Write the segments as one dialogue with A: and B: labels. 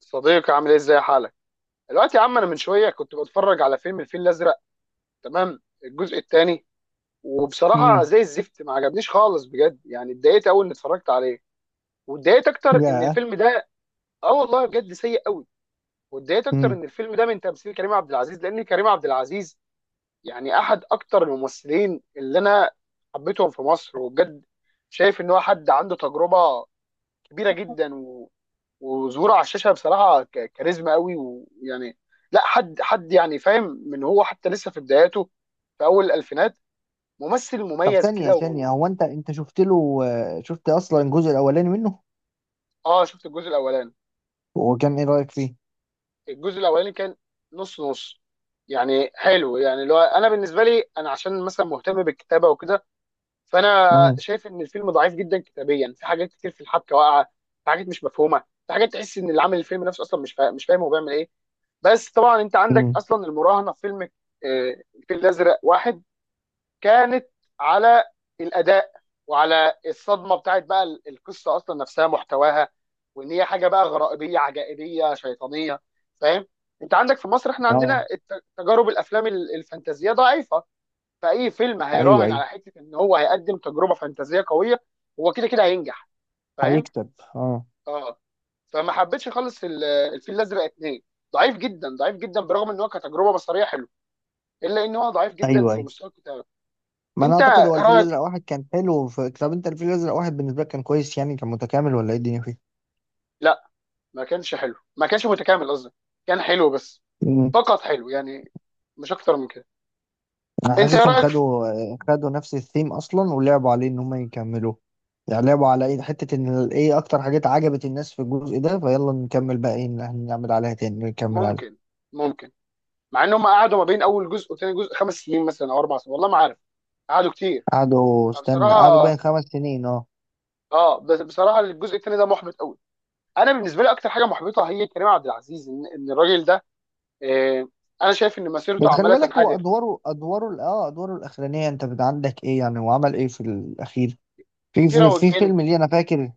A: صديقي، عامل ايه؟ ازاي حالك دلوقتي يا عم؟ انا من شويه كنت بتفرج على فيلم الفيل الازرق تمام، الجزء الثاني. وبصراحه
B: امم
A: زي الزفت، ما عجبنيش خالص بجد. يعني اتضايقت اول اني اتفرجت عليه، واتضايقت اكتر ان
B: يا
A: الفيلم ده اه والله بجد سيء قوي. واتضايقت اكتر
B: امم
A: ان الفيلم ده من تمثيل كريم عبد العزيز، لان كريم عبد العزيز يعني احد اكتر الممثلين اللي انا حبيتهم في مصر. وبجد شايف ان هو حد عنده تجربه كبيره جدا، وظهوره على الشاشه بصراحه كاريزما قوي. ويعني لا حد يعني فاهم من هو حتى لسه في بداياته، في اول الالفينات، ممثل
B: طب
A: مميز
B: ثانية
A: كده
B: ثانية، هو انت شفت له، شفت اصلا الجزء الاولاني منه.
A: اه شفت الجزء الاولاني.
B: وكان ايه رأيك فيه؟
A: الجزء الاولاني كان نص نص، يعني حلو. يعني لو انا بالنسبه لي، انا عشان مثلا مهتم بالكتابه وكده، فانا
B: امم
A: شايف ان الفيلم ضعيف جدا كتابيا، في حاجات كتير في الحبكه واقعه، في حاجات مش مفهومه، في حاجات تحس ان اللي عامل الفيلم نفسه اصلا مش فاهم، هو بيعمل ايه. بس طبعا انت عندك
B: امم
A: اصلا المراهنه في فيلم الفيل الازرق واحد كانت على الاداء وعلى الصدمه بتاعت بقى القصه اصلا نفسها محتواها، وان هي حاجه بقى غرائبيه عجائبيه شيطانيه. فاهم؟ انت عندك في مصر، احنا عندنا
B: اه،
A: تجارب الافلام الفانتازيه ضعيفه. فاي فيلم
B: ايوه،
A: هيراهن
B: ايوه،
A: على حته ان هو هيقدم تجربه فانتازيه قويه، هو كده كده هينجح. فاهم؟
B: هيكسب. اه،
A: اه. فما حبيتش خالص الفيل الازرق اتنين. ضعيف جدا، برغم ان هو كتجربه بصريه حلوه، الا ان هو ضعيف جدا
B: ايوه،
A: في
B: ايوه.
A: مستوى الكتابه.
B: ما انا
A: انت
B: اعتقد هو الفيل
A: رايك؟
B: الازرق واحد كان حلو، طب انت الفيل الازرق واحد بالنسبة لك كان كويس، يعني كان متكامل، ولا ايه الدنيا فيه؟
A: لا، ما كانش حلو، ما كانش متكامل قصدي. كان حلو بس،
B: امم
A: فقط حلو يعني، مش اكتر من كده.
B: انا
A: انت ايه
B: حاسسهم
A: رايك
B: خدوا نفس الثيم اصلا، ولعبوا عليه ان هم يكملوه. يعني لعبوا على ايه، حتة ان ايه اكتر حاجات عجبت الناس في الجزء ده، فيلا نكمل بقى، ايه اللي هنعمل عليها تاني نكمل عليها.
A: ممكن، ممكن. مع انهم قعدوا ما بين اول جزء وثاني جزء خمس سنين مثلا او اربع سنين، والله ما عارف. قعدوا كتير.
B: قعدوا، استنى، قعدوا
A: فبصراحه
B: بين 5 سنين، اه.
A: اه، بس بصراحه الجزء الثاني ده محبط قوي. انا بالنسبه لي اكتر حاجه محبطه هي كريم عبد العزيز. إن الراجل ده آه، انا شايف ان
B: بس
A: مسيرته
B: خلي
A: عماله
B: بالك، هو
A: تنحدر.
B: ادواره ادواره ال- اه ادواره الاخرانيه، انت عندك ايه؟ يعني هو عمل ايه في الاخير؟ في
A: كيرة
B: في, في
A: والجن؟
B: فيلم، ليه؟ انا فاكر.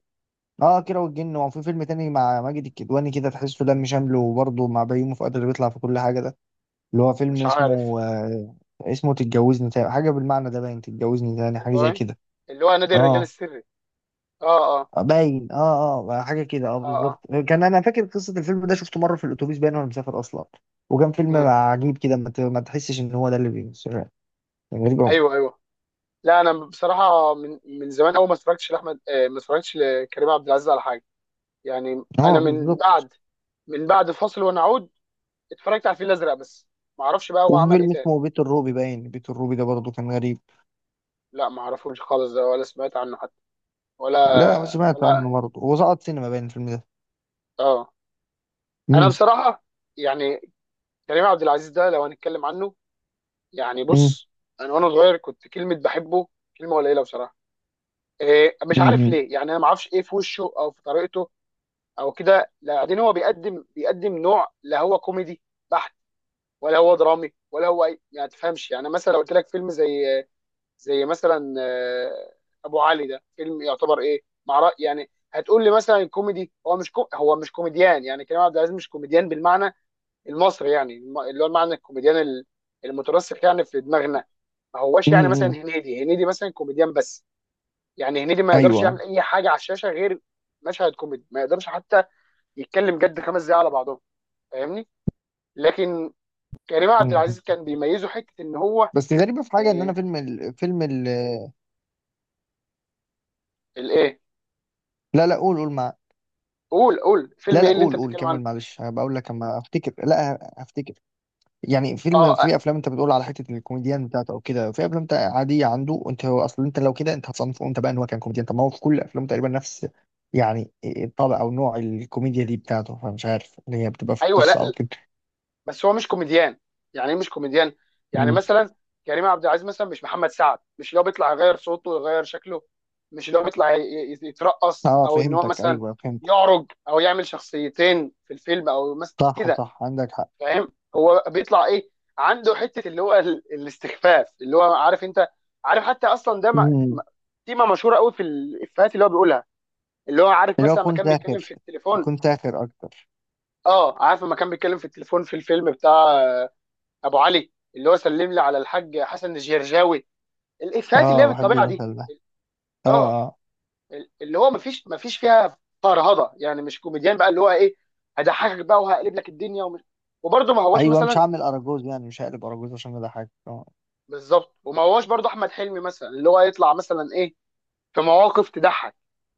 B: اه، كيرة والجن، وفي فيلم تاني مع ماجد الكدواني، كده تحسه دم شامله، وبرضه مع بيومي فؤاد اللي بيطلع في كل حاجه ده. اللي هو فيلم
A: مش عارف
B: اسمه تتجوزني تاني، حاجه بالمعنى ده باين، تتجوزني تاني، حاجه زي
A: والله.
B: كده.
A: اللي هو نادي الرجال
B: اه،
A: السري؟ اه. اه.
B: باين، اه، اه، حاجه كده، اه،
A: اه.
B: بالظبط.
A: اه.
B: كان انا فاكر قصه الفيلم ده، شفته مره في الاتوبيس باين، وانا مسافر اصلا. وكان فيلم
A: مم.
B: عجيب كده، ما تحسش ان هو ده اللي بيمثل. كان غريب قوي،
A: ايوه، ايوه. لا انا بصراحه من زمان قوي ما اتفرجتش لاحمد آه، ما اتفرجتش لكريم عبد العزيز على حاجه. يعني انا
B: اه
A: من
B: بالظبط.
A: بعد، فاصل ونعود اتفرجت على الفيل الازرق بس. ما اعرفش بقى هو
B: وفي
A: عمل ايه
B: فيلم
A: تاني.
B: اسمه بيت الروبي، باين بيت الروبي ده برضه كان غريب.
A: لا ما اعرفوش خالص، ده ولا سمعت عنه حتى، ولا
B: لا، سمعت
A: ولا.
B: عنه برضه، هو سقط سينما باين الفيلم ده.
A: اه. انا
B: امم
A: بصراحه يعني كريم عبد العزيز ده لو هنتكلم عنه، يعني
B: امم
A: بص، انا وانا صغير كنت كلمه بحبه، كلمه قليله بصراحه. إيه؟ مش عارف
B: امم
A: ليه، يعني انا ما اعرفش ايه في وشه او في طريقته او كده. بعدين هو بيقدم نوع، لا هو كوميدي بحت ولا هو درامي ولا هو اي. يعني تفهمش. يعني مثلا لو قلت لك فيلم زي مثلا ابو علي، ده فيلم يعتبر ايه مع رأي؟ يعني هتقول لي مثلا كوميدي. هو مش كو هو مش كوميديان. يعني كريم عبد العزيز مش كوميديان بالمعنى المصري، يعني اللي هو المعنى الكوميديان المترسخ يعني في دماغنا. ما هوش يعني مثلا
B: امم
A: هنيدي. هنيدي مثلا كوميديان بس، يعني هنيدي ما يقدرش
B: ايوه.
A: يعمل اي حاجه على الشاشه غير مشهد كوميدي، ما يقدرش حتى يتكلم جد خمس دقايق على بعضهم. فاهمني؟ لكن كريم عبد
B: مم.
A: العزيز كان بيميزه حته ان هو
B: بس غريبه في حاجه، ان انا
A: آه، الايه.
B: لا، لا، قول، قول مع.
A: قول، فيلم
B: لا،
A: ايه
B: لا،
A: اللي انت
B: قول، قول،
A: بتتكلم عنه؟
B: كمل، معلش هبقى اقول لك اما افتكر، لا هفتكر. يعني
A: اه آه،
B: في افلام انت بتقول على حته الكوميديان بتاعته او كده، في افلام انت عاديه عنده، انت هو اصلا، انت لو كده انت هتصنفه انت بقى ان هو كان كوميديان. طب ما هو في كل افلامه تقريبا نفس يعني الطابع، او نوع الكوميديا دي بتاعته، فمش عارف اللي هي بتبقى في
A: ايوه. لا
B: القصه او
A: لا،
B: كده.
A: بس هو مش كوميديان. يعني ايه مش كوميديان؟ يعني
B: مم.
A: مثلا كريم عبد العزيز مثلا مش محمد سعد، مش اللي هو بيطلع يغير صوته ويغير شكله، مش اللي هو بيطلع يترقص،
B: اه،
A: او ان هو
B: فهمتك،
A: مثلا
B: ايوه فهمت.
A: يعرج، او يعمل شخصيتين في الفيلم او مثلا
B: صح،
A: كده.
B: صح، عندك حق.
A: فاهم هو بيطلع ايه؟ عنده حته اللي هو الاستخفاف. اللي هو عارف انت، عارف حتى اصلا ده م-
B: مم.
A: تيمه مشهوره قوي في الافيهات اللي هو بيقولها. اللي هو عارف
B: اللي هو
A: مثلا لما
B: كنت
A: كان بيتكلم
B: ساخر،
A: في التليفون.
B: كنت ساخر اكتر.
A: اه عارف لما كان بيتكلم في التليفون في الفيلم بتاع ابو علي، اللي هو سلم لي على الحاج حسن الجرجاوي. الافيهات اللي هي
B: اه، بحب
A: بالطبيعه دي
B: المثل ده،
A: اه.
B: اه، اه.
A: اللي هو مفيش فيها فرهضه. يعني مش كوميديان بقى اللي هو ايه، هضحكك بقى وهقلب لك الدنيا ومش. وبرضه ما هوش
B: ايوه، مش
A: مثلا
B: هعمل اراجوز، يعني مش هقلب اراجوز، عشان ده حاجه، اه.
A: بالظبط، وما هواش برضه احمد حلمي مثلا اللي هو يطلع مثلا ايه في مواقف تضحك.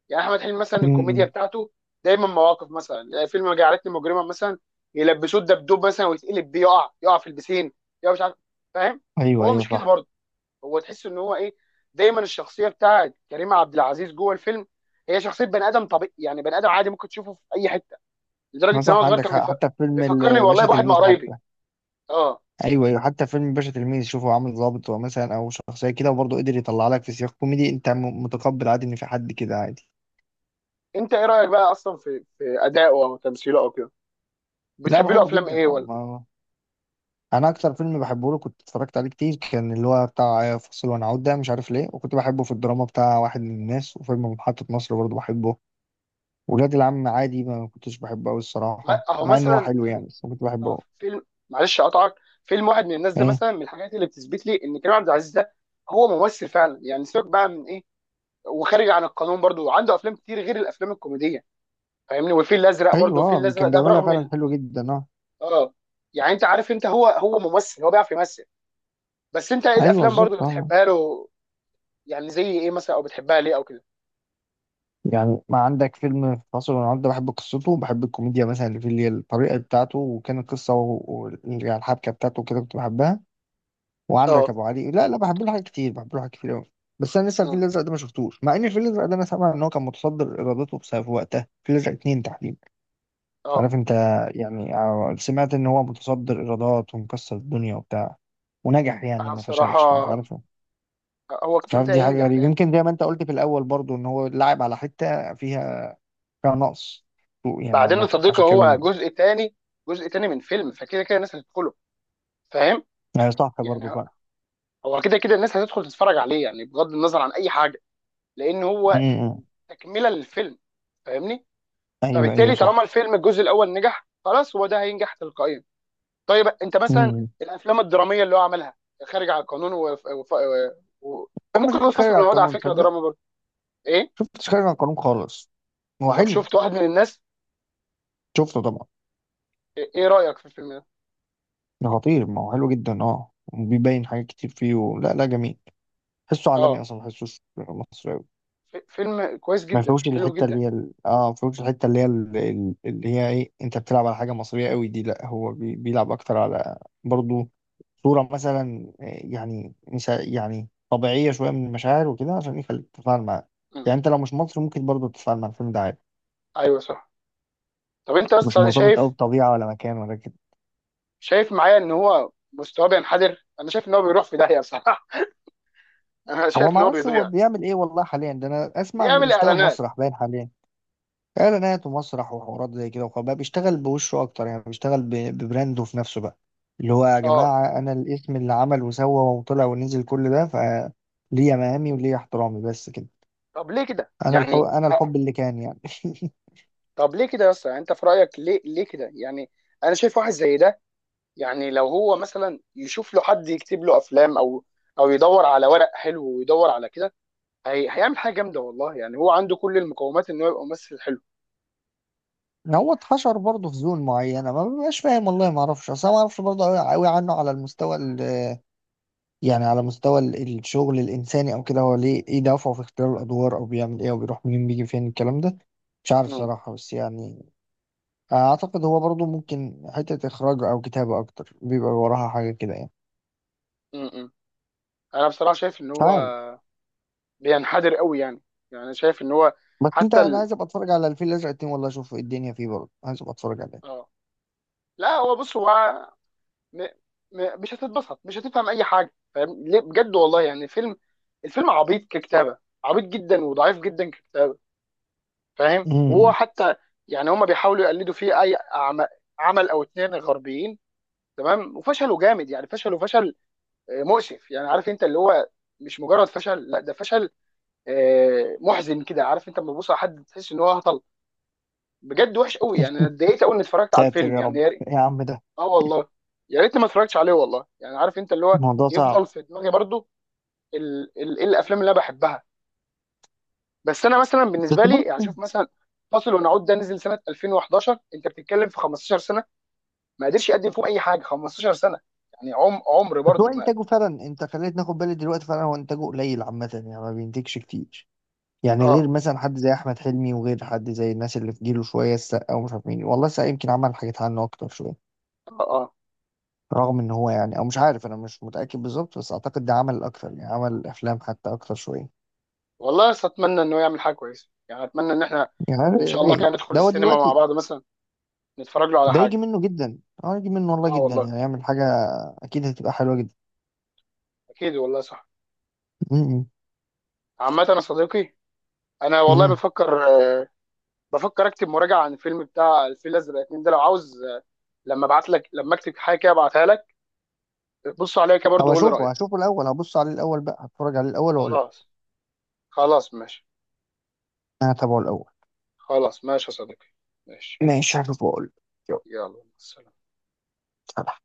A: يعني احمد حلمي مثلا الكوميديا
B: مم.
A: بتاعته دايما مواقف، مثلا يعني فيلم جعلتني مجرما مثلا، يلبسوه الدبدوب مثلا ويتقلب بيه، يقع، في البسين، يقع، مش عارف. فاهم؟
B: ايوه،
A: هو
B: ايوه،
A: مش كده
B: صح.
A: برضه. هو تحس ان هو ايه، دايما الشخصيه بتاعت كريم عبد العزيز جوه الفيلم هي شخصيه بني ادم طبيعي، يعني بني ادم عادي ممكن تشوفه في اي حته،
B: ما
A: لدرجه ان هو
B: صح،
A: صغير
B: عندك
A: كان
B: حق، حتى في فيلم
A: بيفكرني والله
B: الباشا
A: بواحد من
B: تلميذ
A: قرايبي.
B: حتى.
A: اه
B: ايوه، ايوه، حتى فيلم باشا تلميذ، شوفه عامل ظابط هو مثلا، او شخصيه كده، وبرضه قدر يطلع لك في سياق كوميدي انت متقبل عادي ان في حد كده عادي.
A: انت ايه رايك بقى اصلا في ادائه او تمثيله او كده؟
B: لا،
A: بتحب له
B: بحبه
A: افلام
B: جدا،
A: ايه
B: اه.
A: ولا؟
B: ما انا اكتر فيلم بحبه له كنت اتفرجت عليه كتير، كان اللي هو بتاع فاصل ونعود ده، مش عارف ليه. وكنت بحبه في الدراما بتاع واحد من الناس، وفيلم محطة مصر برضه بحبه. ولاد العم عادي، ما كنتش بحبه قوي
A: ما
B: الصراحه،
A: اهو
B: مع ان هو
A: مثلا
B: حلو
A: فيلم
B: يعني، بس كنت بحبه أوي.
A: فيلم، معلش اقطعك، فيلم واحد من الناس ده
B: ايه،
A: مثلا من الحاجات اللي بتثبت لي ان كريم عبد العزيز ده هو ممثل فعلا. يعني سيبك بقى من ايه، وخارج عن القانون برضو، وعنده افلام كتير غير الافلام الكوميديه. فاهمني؟ والفيل الازرق برضو،
B: ايوه،
A: الفيل الازرق
B: كان
A: ده
B: بيعملها
A: برغم
B: فعلا حلو جدا، اه.
A: اه، يعني انت عارف، انت هو هو ممثل، هو بيعرف يمثل. بس انت ايه
B: ايوه،
A: الافلام برضو
B: بالظبط،
A: اللي
B: اه.
A: بتحبها له؟ يعني زي ايه مثلا، او بتحبها ليه او كده؟
B: يعني ما عندك فيلم فاصل ونعود ده، بحب قصته وبحب الكوميديا مثلا اللي فيه، اللي هي الطريقة بتاعته، وكان القصة يعني الحبكة بتاعته كده كنت بحبها. وعندك
A: اه.
B: أبو علي، لا، لا، بحب له حاجات كتير، بحب له حاجات كتير أوي. بس أنا لسه الفيل
A: مم.
B: الأزرق ده ما شفتوش، مع إن الفيل الأزرق ده أنا سامع إن هو كان متصدر إيراداته بسبب وقتها، الفيل الأزرق اتنين تحديدا. مش
A: اه
B: عارف أنت. يعني سمعت إن هو متصدر إيرادات ومكسر الدنيا وبتاع. ونجح يعني،
A: انا
B: ما فشلش، فمش
A: بصراحه
B: عارف.
A: هو
B: مش
A: كده
B: عارف،
A: كده
B: دي حاجة
A: هينجح.
B: غريبة، يمكن زي ما أنت قلت في الأول برضو، إن هو لعب على حتة فيها نقص. سوق يعني
A: بعدين يا
B: عامة
A: صديقي
B: عشان
A: هو
B: كده.
A: جزء تاني، جزء تاني من فيلم، فكده كده الناس هتدخله. فاهم؟
B: يعني صح برضه
A: يعني
B: فعلا.
A: هو كده كده الناس هتدخل تتفرج عليه، يعني بغض النظر عن اي حاجه، لان هو
B: امم
A: تكمله للفيلم. فاهمني؟
B: ايوه، ايوه،
A: فبالتالي طالما
B: صح.
A: الفيلم الجزء الاول نجح، خلاص هو ده هينجح تلقائيا. طيب انت مثلا
B: امم
A: الافلام الدراميه اللي هو عملها، خارج عن القانون و...
B: انا ما
A: وممكن
B: شفتش
A: ينفصل
B: خارج
A: من
B: على
A: الوضع، على
B: القانون،
A: فكره
B: تصدق؟
A: دراما برضه. ايه؟
B: شفتش خارج على القانون خالص. هو
A: طب
B: حلو.
A: شفت واحد من الناس؟
B: شفته طبعا.
A: ايه رايك في الفيلم ده؟
B: ده خطير، ما هو حلو جدا اه، وبيبين حاجات كتير فيه لا، لا، جميل. حسه عالمي
A: اه،
B: اصلا، ما حسوش مصري أوي.
A: فيلم كويس
B: ما
A: جدا،
B: فيهوش
A: حلو
B: الحته اللي
A: جدا.
B: هي ال... اه ما فيهوش الحته اللي هي ال- اللي هي ايه، انت بتلعب على حاجه مصريه قوي دي، لا هو بيلعب اكتر على برضو. صوره مثلا، يعني مش ه- يعني طبيعيه شويه من المشاعر وكده، عشان يخليك تتفاعل معاه.
A: مم.
B: يعني انت لو مش مصري ممكن برضو تتفاعل مع الفيلم ده عادي.
A: ايوه صح. طب انت
B: مش
A: اصلا انا
B: مرتبط قوي
A: شايف،
B: بطبيعه ولا مكان ولا كده.
A: شايف معايا ان هو مستواه بينحدر، انا شايف ان هو بيروح في داهيه بصراحه. انا
B: هو
A: شايف
B: ما
A: ان هو
B: اعرفش هو
A: بيضيع.
B: بيعمل ايه والله حاليا ده، انا اسمع انه
A: بيعمل
B: بيشتغل
A: اعلانات.
B: مسرح باين حاليا. اعلانات ومسرح وحوارات زي كده، وخلاص بقى بيشتغل بوشه اكتر، يعني بيشتغل ببرانده في نفسه بقى. اللي هو يا
A: اه
B: جماعه، انا الاسم اللي عمل وسوى وطلع ونزل، كل ده فليه مقامي وليه احترامي بس كده.
A: طب ليه كده
B: انا الحب
A: يعني؟
B: انا الحب اللي كان يعني.
A: طب ليه كده يا اسطى يعني؟ انت في رايك ليه، ليه كده يعني؟ انا شايف واحد زي ده، يعني لو هو مثلا يشوف له حد يكتب له افلام، او او يدور على ورق حلو ويدور على كده، هيعمل حاجه جامده والله. يعني هو عنده كل المقومات ان هو يبقى ممثل حلو.
B: هو اتحشر برضه في زون معينه، ما ببقاش فاهم والله، ما اعرفش اصل، أنا ما اعرفش برضه قوي قوي عنه على المستوى يعني على مستوى الشغل الانساني او كده، هو ليه ايه دافعه في اختيار الادوار، او بيعمل ايه، او بيروح منين بيجي فين الكلام ده. مش عارف
A: امم،
B: صراحه، بس يعني اعتقد هو برضو ممكن حتة اخراج او كتابة اكتر بيبقى وراها حاجة كده يعني.
A: امم. انا بصراحه شايف ان
B: مش
A: هو
B: عارف.
A: بينحدر قوي. يعني، يعني أنا شايف ان هو
B: بس انت،
A: حتى
B: انا عايز ابقى اتفرج على الفيل الازرق اتنين والله، اشوف إيه الدنيا فيه، برضه عايز ابقى اتفرج عليه.
A: اه، لا هو بص، هو م... مش هتتبسط، مش هتفهم اي حاجه. فاهم ليه؟ بجد والله، يعني فيلم، الفيلم عبيط ككتابه، عبيط جدا وضعيف جدا ككتابه. فاهم؟ وهو
B: أمم.
A: حتى يعني هما بيحاولوا يقلدوا فيه اي عمل او اتنين غربيين تمام، وفشلوا جامد. يعني فشلوا فشل مؤسف يعني، عارف انت اللي هو مش مجرد فشل، لا ده فشل محزن كده، عارف انت لما تبص على حد تحس ان هو هطل. بجد وحش قوي. يعني انا اتضايقت قوي اني اتفرجت على
B: ساتر
A: الفيلم
B: يا رب.
A: يعني.
B: يا عم ده
A: اه والله. يا ريتني ما اتفرجتش عليه والله. يعني عارف انت اللي هو
B: الموضوع صعب.
A: يفضل في دماغي برضو. ايه الافلام اللي انا بحبها؟ بس انا مثلا
B: بس
A: بالنسبه لي يعني
B: برضه،
A: شوف مثلا فاصل ونعود ده نزل سنه 2011، انت بتتكلم في 15 سنه. ما قدرش يقدم فيهم اي حاجه 15 سنه. يعني عمر
B: بس هو
A: برضو ما قد-
B: انتاجه فعلا، انت خليت ناخد بالي دلوقتي فعلا هو انتاجه قليل عامة، يعني ما بينتجش كتير. يعني غير
A: اه.
B: مثلا حد زي احمد حلمي، وغير حد زي الناس اللي في جيله شوية، السقا ومش عارف مين والله، السقا يمكن عمل حاجات عنه اكتر شوية.
A: اه. اه
B: رغم ان هو يعني، او مش عارف، انا مش متاكد بالظبط، بس اعتقد ده عمل اكتر، يعني عمل افلام حتى اكتر شويه.
A: والله، بس اتمنى انه يعمل حاجه كويسه. يعني اتمنى ان احنا
B: يعني
A: ان
B: يا
A: شاء الله كده
B: ريت
A: ندخل
B: ده هو
A: السينما مع
B: دلوقتي.
A: بعض مثلا، نتفرج له على
B: ده يجي
A: حاجه.
B: منه جدا. اه، يجي منه والله
A: اه
B: جدا،
A: والله.
B: يعني يعمل حاجه اكيد هتبقى حلوه جدا.
A: اكيد والله صح.
B: م-
A: عامه يا صديقي، انا
B: م-
A: والله
B: م.
A: بفكر بفكر اكتب مراجعه عن الفيلم بتاع الفيل الازرق اتنين ده. لو عاوز، لما ابعت لك، لما اكتب حاجه كده ابعتها لك، بص عليها كده
B: طب
A: برضه، قول لي
B: اشوفه
A: رايك.
B: هشوفه الاول، هبص عليه الاول بقى، هتفرج عليه الاول واقول.
A: خلاص. خلاص ماشي.
B: انا هتابعه الاول.
A: خلاص ماشي يا صديقي. ماشي.
B: ماشي، هشوفه واقول.
A: يلا، سلام.
B: يلا.